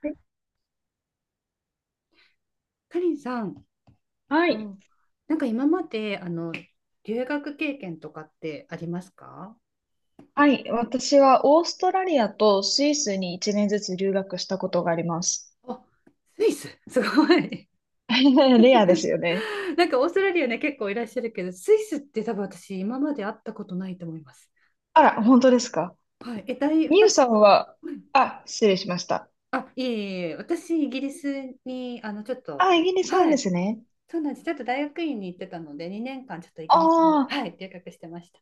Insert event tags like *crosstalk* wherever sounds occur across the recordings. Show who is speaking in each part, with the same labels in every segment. Speaker 1: はい
Speaker 2: かりんさん、
Speaker 1: は
Speaker 2: う
Speaker 1: い、
Speaker 2: ん、今まで留学経験とかってありますか？
Speaker 1: 私はオーストラリアとスイスに1年ずつ留学したことがあります。
Speaker 2: あ、スイス、すごい。
Speaker 1: *laughs* レアですよね。
Speaker 2: *laughs* なんかオーストラリアね、結構いらっしゃるけど、スイスって多分私、今まで会ったことないと思います。
Speaker 1: あら、本当ですか。
Speaker 2: はい、第2
Speaker 1: ミ
Speaker 2: つ。
Speaker 1: ユさんは、
Speaker 2: うん。
Speaker 1: あ、失礼しました。
Speaker 2: あ、いえいえ、私、イギリスに、ちょっと、
Speaker 1: あ、イ
Speaker 2: い
Speaker 1: ギリスなん
Speaker 2: は
Speaker 1: で
Speaker 2: い、
Speaker 1: すね。
Speaker 2: そうなんです。ちょっと大学院に行ってたので、2年間、ちょっとイ
Speaker 1: あ
Speaker 2: ギリスに、
Speaker 1: あ、
Speaker 2: はい、留学してました。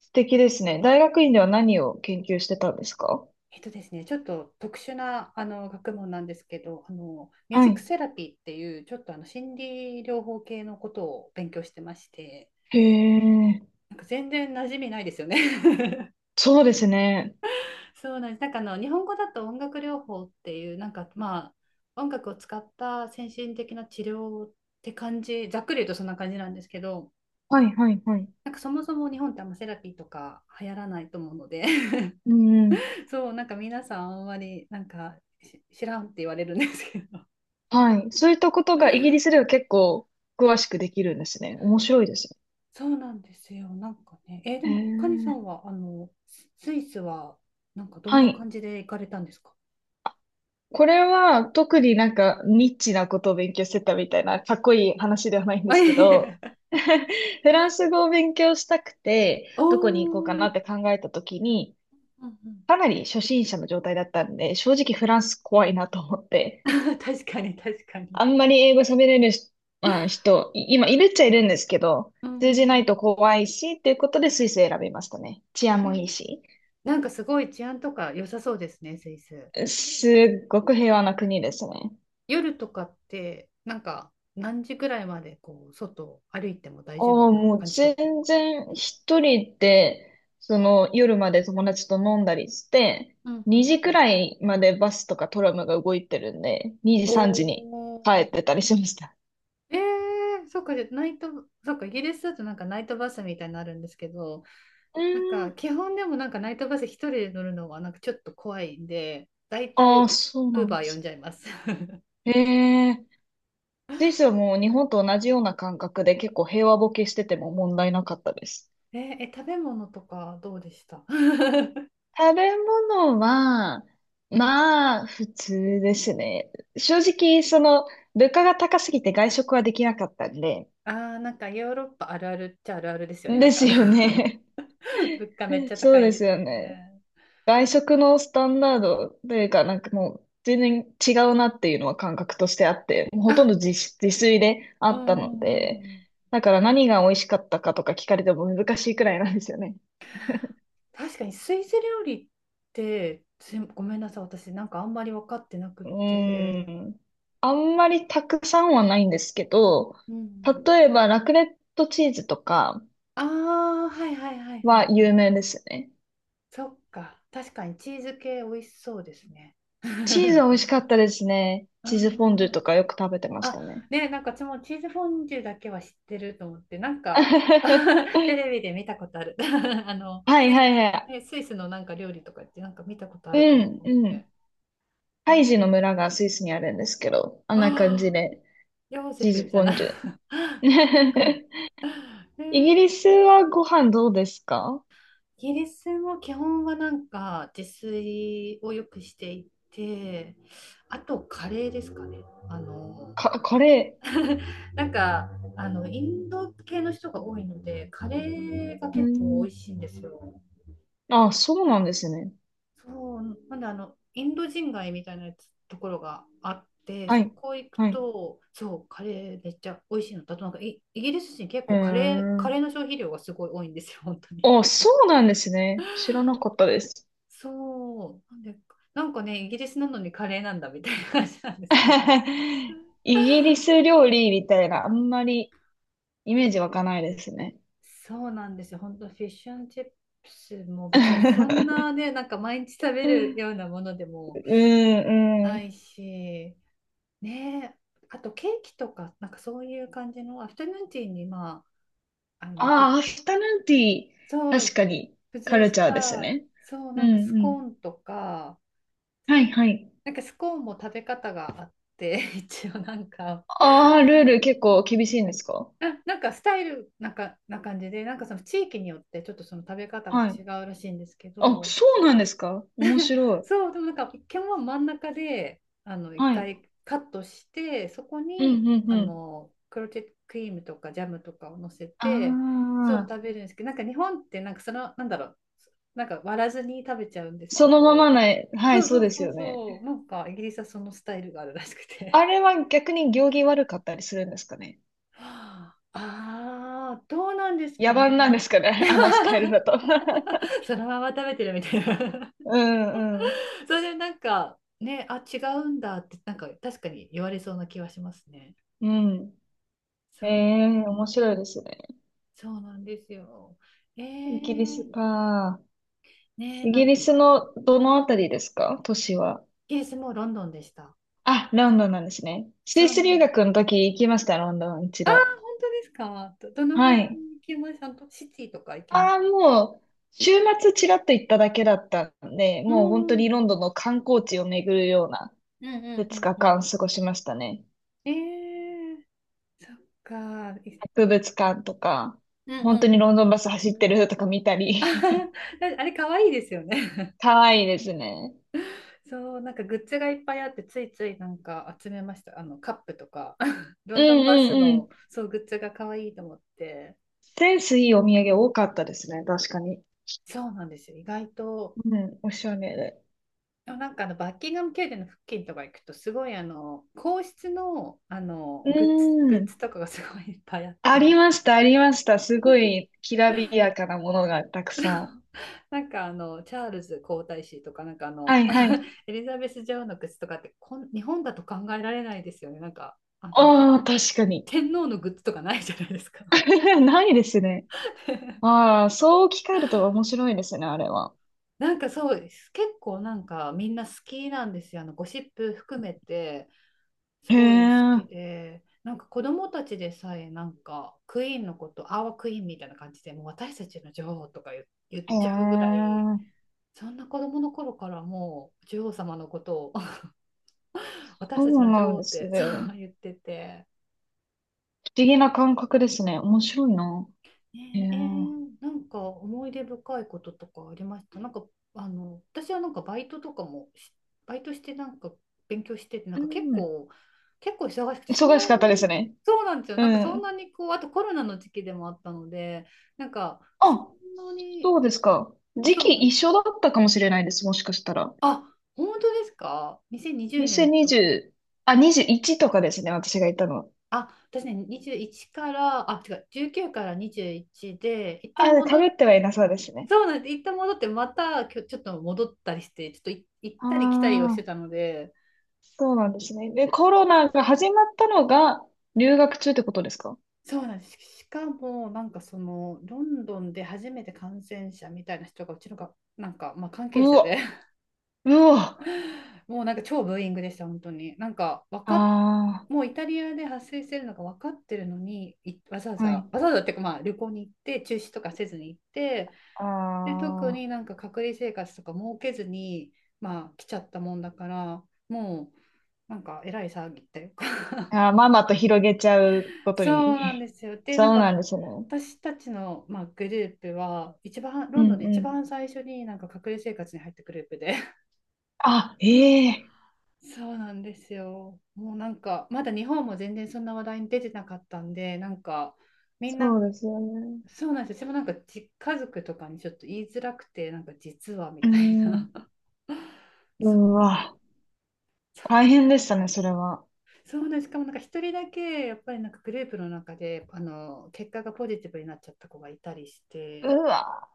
Speaker 1: 素敵ですね。大学院では何を研究してたんですか？
Speaker 2: えっとですね、ちょっと特殊な学問なんですけど、ミュー
Speaker 1: は
Speaker 2: ジック
Speaker 1: い。
Speaker 2: セラピーっていうちょっとあの心理療法系のことを勉強してまして、
Speaker 1: へえ、
Speaker 2: なんか全然馴染みないですよね。
Speaker 1: そうですね。
Speaker 2: *laughs* そうなんです。なんか日本語だと音楽療法っていう、なんか、まあ音楽を使った先進的な治療って感じ、ざっくり言うとそんな感じなんですけど、
Speaker 1: はい、はい、はい。
Speaker 2: なんかそもそも日本ってあんまセラピーとか流行らないと思うので。 *laughs*
Speaker 1: うん、うん。
Speaker 2: そうなんか皆さんあんまりなんかし知らんって言われるんですけど、
Speaker 1: はい。そういったことがイギリスでは結構詳しくできるんですね。面白いです
Speaker 2: そうなんですよ。なんかね、えーで
Speaker 1: ね。へ
Speaker 2: も、カニさん
Speaker 1: え、
Speaker 2: は、イスは、なんかどん
Speaker 1: は
Speaker 2: な
Speaker 1: い。
Speaker 2: 感じで行かれたんですか？
Speaker 1: これは特になんかニッチなことを勉強してたみたいなかっこいい話ではない
Speaker 2: *laughs*
Speaker 1: んで
Speaker 2: あ、い
Speaker 1: すけ
Speaker 2: えい
Speaker 1: ど、
Speaker 2: え。
Speaker 1: *laughs* フランス語を勉強したくて、
Speaker 2: お
Speaker 1: どこに行こうかな
Speaker 2: ー、
Speaker 1: って考えた時に、
Speaker 2: うんうん。
Speaker 1: かなり初心者の状態だったんで、正直フランス怖いなと思って、
Speaker 2: *laughs* 確かに、確かに。
Speaker 1: あんまり英語喋れるし、まあ、今いるっちゃいるんですけど、
Speaker 2: う
Speaker 1: 通じ
Speaker 2: んう
Speaker 1: ない
Speaker 2: ん。
Speaker 1: と怖いし、っていうことでスイス選びましたね。治安
Speaker 2: え、
Speaker 1: もいいし、
Speaker 2: なんかすごい治安とか良さそうですね、スイス。
Speaker 1: すっごく平和な国ですね。
Speaker 2: 夜とかって、なんか何時ぐらいまでこう外を歩いても大
Speaker 1: あ
Speaker 2: 丈夫
Speaker 1: あ、
Speaker 2: な
Speaker 1: もう
Speaker 2: 感じと
Speaker 1: 全
Speaker 2: か。
Speaker 1: 然一人で、その夜まで友達と飲んだりして、
Speaker 2: うんう
Speaker 1: 2
Speaker 2: ん
Speaker 1: 時
Speaker 2: う
Speaker 1: く
Speaker 2: ん。
Speaker 1: らいまでバスとかトラムが動いてるんで、2時3時
Speaker 2: お
Speaker 1: に帰っ
Speaker 2: お。
Speaker 1: てたりしました。
Speaker 2: えー、そっか、じゃあナイト、そっか、イギリスだとなんかナイトバスみたいなのあるんですけど、
Speaker 1: う
Speaker 2: なん
Speaker 1: ー
Speaker 2: か
Speaker 1: ん。
Speaker 2: 基本でもなんかナイトバス一人で乗るのはなんかちょっと怖いんで、だいたい
Speaker 1: ああ、
Speaker 2: ウ
Speaker 1: そうな
Speaker 2: ー
Speaker 1: ん
Speaker 2: バ
Speaker 1: で
Speaker 2: ー呼ん
Speaker 1: す
Speaker 2: じゃいます。*laughs*
Speaker 1: ね。へえ。スイスはもう日本と同じような感覚で結構平和ボケしてても問題なかったです。
Speaker 2: え、え、食べ物とかどうでした？ *laughs*
Speaker 1: 食べ物は、まあ、普通ですね。正直、その、物価が高すぎて外食はできなかったんで、
Speaker 2: あー、なんかヨーロッパあるあるっちゃあるあるですよね。
Speaker 1: *laughs*
Speaker 2: な
Speaker 1: で
Speaker 2: んか
Speaker 1: すよね。
Speaker 2: *laughs* 物価めっち
Speaker 1: *laughs*
Speaker 2: ゃ
Speaker 1: そ
Speaker 2: 高
Speaker 1: う
Speaker 2: いん
Speaker 1: で
Speaker 2: で
Speaker 1: す
Speaker 2: す
Speaker 1: よ
Speaker 2: よ
Speaker 1: ね。
Speaker 2: ね。
Speaker 1: 外食のスタンダードというか、なんかもう全然違うなっていうのは感覚としてあって、もうほとん
Speaker 2: あ、
Speaker 1: ど自炊であ
Speaker 2: うん
Speaker 1: ったの
Speaker 2: う
Speaker 1: で、
Speaker 2: んうん。
Speaker 1: だから何が美味しかったかとか聞かれても難しいくらいなんですよね。
Speaker 2: 確かにスイス料理って、すいごめんなさい、私なんかあんまり分かってなく
Speaker 1: うー
Speaker 2: て。
Speaker 1: ん。あんまりたくさんはないんですけど、
Speaker 2: うん。
Speaker 1: 例えばラクレットチーズとか
Speaker 2: ああ、はいはいはいは
Speaker 1: は
Speaker 2: いは
Speaker 1: 有
Speaker 2: い。
Speaker 1: 名ですよね。
Speaker 2: そっか、確かにチーズ系美味しそうですね。
Speaker 1: チーズは美味しかっ
Speaker 2: *laughs*
Speaker 1: たですね。
Speaker 2: あ
Speaker 1: チーズフォンデュ
Speaker 2: ー、
Speaker 1: とかよく食べてました
Speaker 2: あ、
Speaker 1: ね。
Speaker 2: ねえ、なんか私もチーズフォンデュだけは知ってると思って、なんか
Speaker 1: *laughs* は
Speaker 2: *laughs* テレビで見たことある。*laughs*
Speaker 1: いはい
Speaker 2: スイ、
Speaker 1: は
Speaker 2: ね、スイスのなんか料理とかってなんか見たことあ
Speaker 1: い。
Speaker 2: るか
Speaker 1: う
Speaker 2: も
Speaker 1: ん
Speaker 2: と思っ
Speaker 1: うん。
Speaker 2: て。え
Speaker 1: ハイジの
Speaker 2: ー、
Speaker 1: 村がスイスにあるんですけど、あんな感じ
Speaker 2: ああ、
Speaker 1: で、
Speaker 2: ヨーゼ
Speaker 1: チーズ
Speaker 2: フじ
Speaker 1: フ
Speaker 2: ゃ
Speaker 1: ォ
Speaker 2: ない。
Speaker 1: ンデュ。
Speaker 2: *laughs*
Speaker 1: *laughs*
Speaker 2: え
Speaker 1: イギ
Speaker 2: ー、
Speaker 1: リスはご飯どうですか？
Speaker 2: イギリスも基本はなんか自炊をよくしていて、あとカレーですかね。あの
Speaker 1: か、カレ
Speaker 2: *laughs* なんかインド系の人が多いのでカレーが
Speaker 1: ー。
Speaker 2: 結
Speaker 1: う
Speaker 2: 構美味
Speaker 1: ん。
Speaker 2: しいんですよ。
Speaker 1: あ、そうなんですね。
Speaker 2: そうなんでインド人街みたいなやつところがあって、
Speaker 1: は
Speaker 2: そ
Speaker 1: い。
Speaker 2: こ行く
Speaker 1: はい。
Speaker 2: と、そうカレーめっちゃ美味しいのだと、なんかイギリス人結
Speaker 1: うー
Speaker 2: 構カレー
Speaker 1: ん。
Speaker 2: の消費量がすごい多いんですよ本当に。
Speaker 1: あ、そうなんですね。知らなかったです。
Speaker 2: そうなんで、なんかねイギリスなのにカレーなんだみたいな感じなんですけど。
Speaker 1: *laughs* イギリス料理みたいな、あんまりイメージ湧かないですね。
Speaker 2: そうなんですよ。本当フィッシュンチップスも別にそんな
Speaker 1: *laughs*
Speaker 2: ね、なんか毎日食べ
Speaker 1: う
Speaker 2: る
Speaker 1: ん、
Speaker 2: ようなものでも
Speaker 1: う
Speaker 2: ない
Speaker 1: ん。
Speaker 2: し、ねえ、あとケーキとか、なんかそういう感じのアフタヌーンティーに、まあ、
Speaker 1: ああ、アフタヌーンティー、
Speaker 2: そ
Speaker 1: 確
Speaker 2: う、
Speaker 1: かに
Speaker 2: 付
Speaker 1: カ
Speaker 2: 随
Speaker 1: ル
Speaker 2: し
Speaker 1: チャーです
Speaker 2: た、
Speaker 1: ね。
Speaker 2: そう、
Speaker 1: う
Speaker 2: なんかス
Speaker 1: んう
Speaker 2: コー
Speaker 1: ん。
Speaker 2: ンとか、
Speaker 1: はいはい。
Speaker 2: なんかスコーンも食べ方があって、*laughs* 一応なんか、
Speaker 1: ああ、ルール結構厳しいんですか？
Speaker 2: なんかスタイルなんかな感じで、なんかその地域によってちょっとその食べ方が
Speaker 1: は
Speaker 2: 違
Speaker 1: い。
Speaker 2: うらしいんですけ
Speaker 1: あ、
Speaker 2: ど、
Speaker 1: そうなんですか？面白い。
Speaker 2: そう、でもなんか一見は真ん中で、一
Speaker 1: はい。
Speaker 2: 回カットして、そこ
Speaker 1: うん
Speaker 2: に、
Speaker 1: うんうん。
Speaker 2: クロテッドクリームとかジャムとかを乗せて、そう、
Speaker 1: あ
Speaker 2: 食べ
Speaker 1: あ、
Speaker 2: るんですけど、なんか日本ってなんかその、なんだろう、なんか割らずに食べちゃうんです
Speaker 1: そ
Speaker 2: け
Speaker 1: のまま
Speaker 2: ど、
Speaker 1: ない。はい、
Speaker 2: そう
Speaker 1: そう
Speaker 2: そ
Speaker 1: で
Speaker 2: う
Speaker 1: す
Speaker 2: そう
Speaker 1: よね。
Speaker 2: そう、なんかイギリスはそのスタイルがあるらしくて。
Speaker 1: あれは逆に行儀悪かったりするんですかね？
Speaker 2: *laughs* はああー、どうなんです
Speaker 1: 野
Speaker 2: か
Speaker 1: 蛮なんで
Speaker 2: ね。
Speaker 1: すか
Speaker 2: い
Speaker 1: ね？
Speaker 2: や、
Speaker 1: *laughs* あのスタイルだと。 *laughs*
Speaker 2: *laughs* そのまま食べてるみたいな。
Speaker 1: うんうん。
Speaker 2: それでなんかね、あ、違うんだってなんか確かに言われそうな気はしますね。
Speaker 1: うん。
Speaker 2: そ
Speaker 1: え
Speaker 2: う、
Speaker 1: え、面白いですね。
Speaker 2: そうなんですよ。え
Speaker 1: イギリス
Speaker 2: ー、
Speaker 1: か。
Speaker 2: ねえ、
Speaker 1: イ
Speaker 2: な
Speaker 1: ギ
Speaker 2: ん
Speaker 1: リス
Speaker 2: か、
Speaker 1: のどのあたりですか、都市は。
Speaker 2: ケースもロンドンでした。
Speaker 1: あ、ロンドンなんですね。ス
Speaker 2: そ
Speaker 1: イ
Speaker 2: う
Speaker 1: ス
Speaker 2: な
Speaker 1: 留
Speaker 2: んです。
Speaker 1: 学の時行きました、ロンドン一
Speaker 2: ああ、
Speaker 1: 度。
Speaker 2: 本当ですか。どの辺
Speaker 1: はい。
Speaker 2: 行きました？あとシティとか行きます？
Speaker 1: ああ、もう、週末ちらっと行っただけだったんで、
Speaker 2: う
Speaker 1: もう本
Speaker 2: ん、
Speaker 1: 当
Speaker 2: うん、
Speaker 1: にロンドンの観光地を巡るような
Speaker 2: うん、うん、
Speaker 1: 2
Speaker 2: う
Speaker 1: 日
Speaker 2: ん。
Speaker 1: 間過ごしましたね。
Speaker 2: ええー、そっか。い、
Speaker 1: 博物館とか、
Speaker 2: うん、う
Speaker 1: 本当
Speaker 2: ん、
Speaker 1: に
Speaker 2: う
Speaker 1: ロンドン
Speaker 2: ん。
Speaker 1: バス走ってるとか見た
Speaker 2: *laughs* あ、
Speaker 1: り。
Speaker 2: あれ、可愛いですよね。
Speaker 1: *laughs* かわいいですね。
Speaker 2: そうなんかグッズがいっぱいあって、ついついなんか集めました、あのカップとか。 *laughs* ロ
Speaker 1: うん
Speaker 2: ンドンバ
Speaker 1: う
Speaker 2: ス
Speaker 1: んう
Speaker 2: の
Speaker 1: ん。
Speaker 2: そうグッズが可愛いと思って、
Speaker 1: センスいいお土産多かったですね、確かに。
Speaker 2: そうなんですよ、意外と。
Speaker 1: うん、おしゃれで。
Speaker 2: でもなんかバッキンガム宮殿の付近とか行くとすごい皇室の
Speaker 1: う
Speaker 2: グッズ
Speaker 1: ん。
Speaker 2: とかがすごいいっぱいあっ
Speaker 1: あり
Speaker 2: て。
Speaker 1: ました、ありました。すご
Speaker 2: *laughs*
Speaker 1: い、きらびやかなものがたくさん。
Speaker 2: なんかチャールズ皇太子とかなんか
Speaker 1: はいは
Speaker 2: *laughs*
Speaker 1: い。
Speaker 2: エリザベス女王のグッズとかってこん日本だと考えられないですよね、なんかあのて
Speaker 1: ああ、確かに。
Speaker 2: 天皇のグッズとかないじゃないですか。
Speaker 1: *laughs* ないですね。ああ、そう置き換えると面白いですね、あれは。
Speaker 2: なんかそうです。結構なんかみんな好きなんですよ。あのゴシップ含めてす
Speaker 1: へ
Speaker 2: ごい好
Speaker 1: え。
Speaker 2: きで、なんか子供たちでさえなんかクイーンのこと、アワークイーンみたいな感じで、もう私たちの女王とか言っ
Speaker 1: へ
Speaker 2: ちゃうぐらい、
Speaker 1: え。
Speaker 2: そんな子供の頃からもう女王様のことを *laughs* 私
Speaker 1: そ
Speaker 2: たち
Speaker 1: う
Speaker 2: の
Speaker 1: な
Speaker 2: 女
Speaker 1: ん
Speaker 2: 王
Speaker 1: で
Speaker 2: っ
Speaker 1: す
Speaker 2: てそ
Speaker 1: ね。不
Speaker 2: う
Speaker 1: 思
Speaker 2: 言ってて、
Speaker 1: 議な感覚ですね。面白いな。へ
Speaker 2: ね
Speaker 1: え。
Speaker 2: えー、なんか思い出深いこととかありました？なんか私はなんかバイトとかもバイトしてなんか勉強してて、なん
Speaker 1: う
Speaker 2: か結
Speaker 1: ん。
Speaker 2: 構、結構忙しくて、そん
Speaker 1: 忙
Speaker 2: な
Speaker 1: しかったです
Speaker 2: に、
Speaker 1: ね。
Speaker 2: そうなんですよ、なん
Speaker 1: う
Speaker 2: かそん
Speaker 1: ん。
Speaker 2: なにこう、あとコロナの時期でもあったので、なんかそ
Speaker 1: あ、
Speaker 2: んなに。
Speaker 1: そうですか。時
Speaker 2: そうな
Speaker 1: 期
Speaker 2: ん、
Speaker 1: 一緒だったかもしれないです、もしかしたら。
Speaker 2: あ、本当ですか？2020年と。
Speaker 1: 2020、あ、21とかですね、私がいたのは。
Speaker 2: あ、私ね21から、あ違う、19から21で一旦
Speaker 1: あ、か
Speaker 2: 戻
Speaker 1: ぶ
Speaker 2: っ、
Speaker 1: ってはいなそうですね。
Speaker 2: そうなんです。一旦戻って、またきょちょっと戻ったりして、ちょっとい行っ
Speaker 1: あ
Speaker 2: たり来たりをして
Speaker 1: あ、
Speaker 2: たので、
Speaker 1: そうなんですね。で、コロナが始まったのが留学中ってことですか？
Speaker 2: そうなんです。しかも、なんかその、ロンドンで初めて感染者みたいな人が、うちのが、なんか、まあ、関係
Speaker 1: う
Speaker 2: 者で。
Speaker 1: わ、うわ、
Speaker 2: *laughs* もうなんか超ブーイングでした、本当に。なんか、わかっ、
Speaker 1: あ
Speaker 2: もうイタリアで発生してるのが分かってるのに、わざわ
Speaker 1: あ、は
Speaker 2: ざ、わ
Speaker 1: い。
Speaker 2: ざわざっていうか、まあ、旅行に行って、中止とかせずに行って、
Speaker 1: あ
Speaker 2: で、特にな
Speaker 1: ー
Speaker 2: んか隔離生活とか設けずに、まあ、来ちゃったもんだから、もう、なんかえらい騒ぎっていうか。
Speaker 1: あー、ママと広げちゃう
Speaker 2: *laughs*
Speaker 1: こと
Speaker 2: そうなんで
Speaker 1: に。
Speaker 2: すよ、
Speaker 1: *laughs*
Speaker 2: で、なん
Speaker 1: そう
Speaker 2: か
Speaker 1: なんですね。
Speaker 2: 私たちの、まあ、グループは一番
Speaker 1: う
Speaker 2: ロンドンで
Speaker 1: ん
Speaker 2: 一
Speaker 1: うん。
Speaker 2: 番最初になんか隔離生活に入ったグループで。
Speaker 1: あ、ええ、
Speaker 2: *laughs* そうなんですよ、もうなんかまだ日本も全然そんな話題に出てなかったんで、なんかみん
Speaker 1: そ
Speaker 2: な。
Speaker 1: うですよね。
Speaker 2: そうなんですよ、私もなんか家族とかにちょっと言いづらくて、なんか実はみ
Speaker 1: う
Speaker 2: たい
Speaker 1: ん。
Speaker 2: な。 *laughs*
Speaker 1: う
Speaker 2: そう、
Speaker 1: わ、
Speaker 2: そうな
Speaker 1: 大
Speaker 2: ん、
Speaker 1: 変でしたね、それは。
Speaker 2: そうなんです。しかもなんか一人だけやっぱりなんかグループの中で結果がポジティブになっちゃった子がいたりし
Speaker 1: う
Speaker 2: て、
Speaker 1: わ、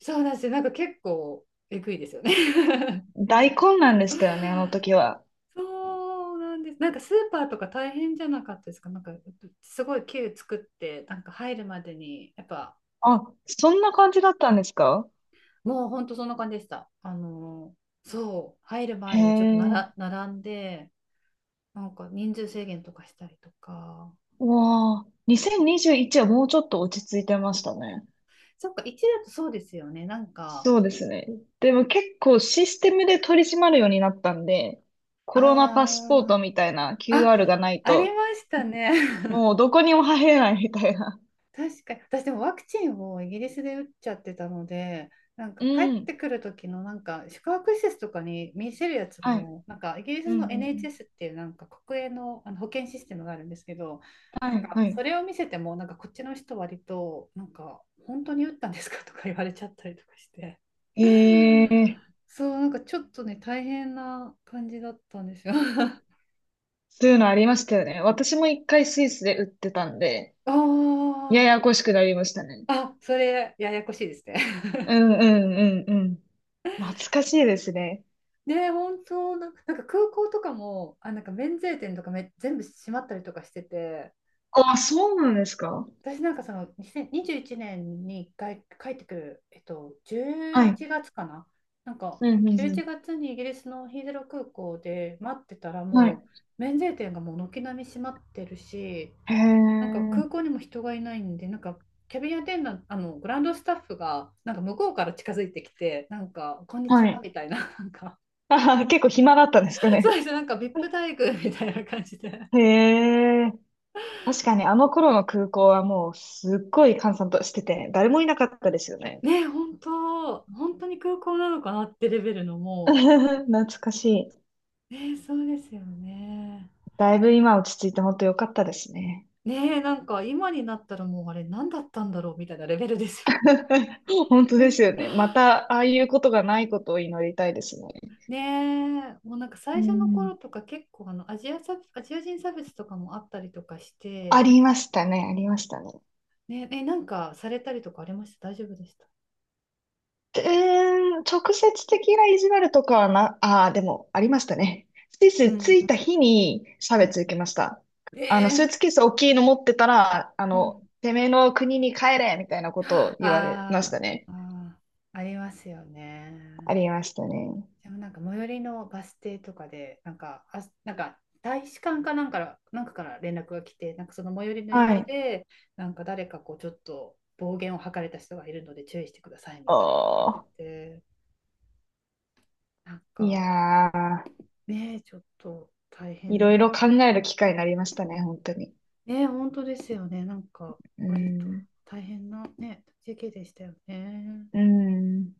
Speaker 2: そうなんですよ、なんか結構えぐいですよね。 *laughs*
Speaker 1: 大混乱でしたよね、あの時は。
Speaker 2: そうなんです、なんかスーパーとか大変じゃなかったですか？なんかすごいキュー作ってなんか入るまでにやっぱ、
Speaker 1: あ、そんな感じだったんですか？
Speaker 2: もう本当そんな感じでした、あのそう入る
Speaker 1: へ
Speaker 2: 前にちょっとな
Speaker 1: え。
Speaker 2: ら並んで、なんか人数制限とかしたりとか。
Speaker 1: うわあ、2021はもうちょっと落ち着いてましたね。
Speaker 2: そっか1だとそうですよね、なんか。
Speaker 1: そうですね。でも結構システムで取り締まるようになったんで、コロナパスポー
Speaker 2: あ
Speaker 1: ト
Speaker 2: あ、
Speaker 1: みたいな
Speaker 2: あ
Speaker 1: QR がない
Speaker 2: あ、り
Speaker 1: と、
Speaker 2: ましたね。*laughs*
Speaker 1: もうどこにも入れないみたいな。
Speaker 2: 確かに。私でもワクチンをイギリスで打っちゃってたので、なんか
Speaker 1: う
Speaker 2: 帰って
Speaker 1: ん。
Speaker 2: くる時のなんか宿泊施設とかに見せるやつ
Speaker 1: はい。
Speaker 2: も、なんかイギリ
Speaker 1: うん
Speaker 2: ス
Speaker 1: う
Speaker 2: の
Speaker 1: んうん。
Speaker 2: NHS っていうなんか国営の、保険システムがあるんですけど、
Speaker 1: は
Speaker 2: なん
Speaker 1: い、
Speaker 2: か
Speaker 1: は
Speaker 2: そ
Speaker 1: い。
Speaker 2: れを見せても、なんかこっちの人割と、なんか本当に打ったんですかとか言われちゃったりとかして。
Speaker 1: へえ、
Speaker 2: *laughs* そう、なんかちょっとね、大変な感じだったんですよ。*laughs* あ
Speaker 1: そういうのありましたよね。私も一回スイスで売ってたんで、や
Speaker 2: あ。
Speaker 1: やこしくなりましたね。
Speaker 2: あ、それややこしいですね。*laughs*
Speaker 1: うんうんうんうん。懐かしいですね。
Speaker 2: ね、本当な、なんか空港とかも、あ、なんか免税店とかめ全部閉まったりとかしてて、
Speaker 1: あ、そうなんですか？
Speaker 2: 私なんかその2021年に一回帰ってくる、
Speaker 1: は
Speaker 2: 11
Speaker 1: い。
Speaker 2: 月かな。なんか
Speaker 1: うんうん
Speaker 2: 11
Speaker 1: う
Speaker 2: 月にイギリスのヒースロー空港で待ってたら、
Speaker 1: ん。は
Speaker 2: も
Speaker 1: い。
Speaker 2: う免税店がもう軒並み閉まってるし、
Speaker 1: へ
Speaker 2: なんか空港
Speaker 1: え。
Speaker 2: にも人がいないんで、なんかキャビンアテンダント、グランドスタッフがなんか向こうから近づいてきて、なんか、こんにち
Speaker 1: は
Speaker 2: は
Speaker 1: い。
Speaker 2: みたいな、なんか。
Speaker 1: *laughs* あはは、結構暇だったんですか
Speaker 2: *laughs* そう
Speaker 1: ね。
Speaker 2: ですね、なんかビップ待遇、 *laughs* みたいな感じで、
Speaker 1: へえ。確かにあの頃の空港はもうすっごい閑散としてて、誰もいなかったですよね。
Speaker 2: ねえ本当、本当に空港なのかなってレベルのも、
Speaker 1: *laughs* 懐かしい。
Speaker 2: うね、えそうですよね、
Speaker 1: だいぶ今落ち着いて本当良かったですね。
Speaker 2: ねえ、なんか今になったらもうあれ何だったんだろうみたいなレベルですよね。
Speaker 1: *laughs* 本当
Speaker 2: う
Speaker 1: ですよ
Speaker 2: ん、
Speaker 1: ね。またああいうことがないことを祈りたいですね。
Speaker 2: ねえ、もうなんか
Speaker 1: う
Speaker 2: 最初の頃
Speaker 1: ん。
Speaker 2: とか結構アジア差別、アジア人差別とかもあったりとかし
Speaker 1: あ
Speaker 2: て、
Speaker 1: りましたね。ありましたね。
Speaker 2: ねえ、えなんかされたりとかありました？大丈夫でした？
Speaker 1: うーん、直接的な意地悪とかはな、ああ、でもありましたね。スイ
Speaker 2: うん
Speaker 1: ス着
Speaker 2: う
Speaker 1: いた
Speaker 2: ん
Speaker 1: 日に差
Speaker 2: うん
Speaker 1: 別受けました。あの、
Speaker 2: え
Speaker 1: スー
Speaker 2: え
Speaker 1: ツケース大きいの持ってたら、あ
Speaker 2: うん。
Speaker 1: の、てめえの国に帰れみたいなことを言われま
Speaker 2: あー、
Speaker 1: したね。
Speaker 2: あー、ありますよ
Speaker 1: あ
Speaker 2: ね。
Speaker 1: りましたね。
Speaker 2: でもなんか最寄りのバス停とかで、なんか、あ、なんか大使館かなんか、なんかから連絡が来て、なんかその最寄りの
Speaker 1: は
Speaker 2: 駅
Speaker 1: い。
Speaker 2: で、なんか誰かこうちょっと暴言を吐かれた人がいるので注意してくださいみたいなのが出て
Speaker 1: おー。
Speaker 2: て、なん
Speaker 1: い
Speaker 2: か
Speaker 1: やー、
Speaker 2: ね、ちょっと大
Speaker 1: いろ
Speaker 2: 変、
Speaker 1: いろ考える機会になりましたね、本当に。
Speaker 2: ね、本当ですよね、なんか
Speaker 1: うー
Speaker 2: 割と
Speaker 1: ん。
Speaker 2: 大変なね、時期でしたよね。
Speaker 1: うーん。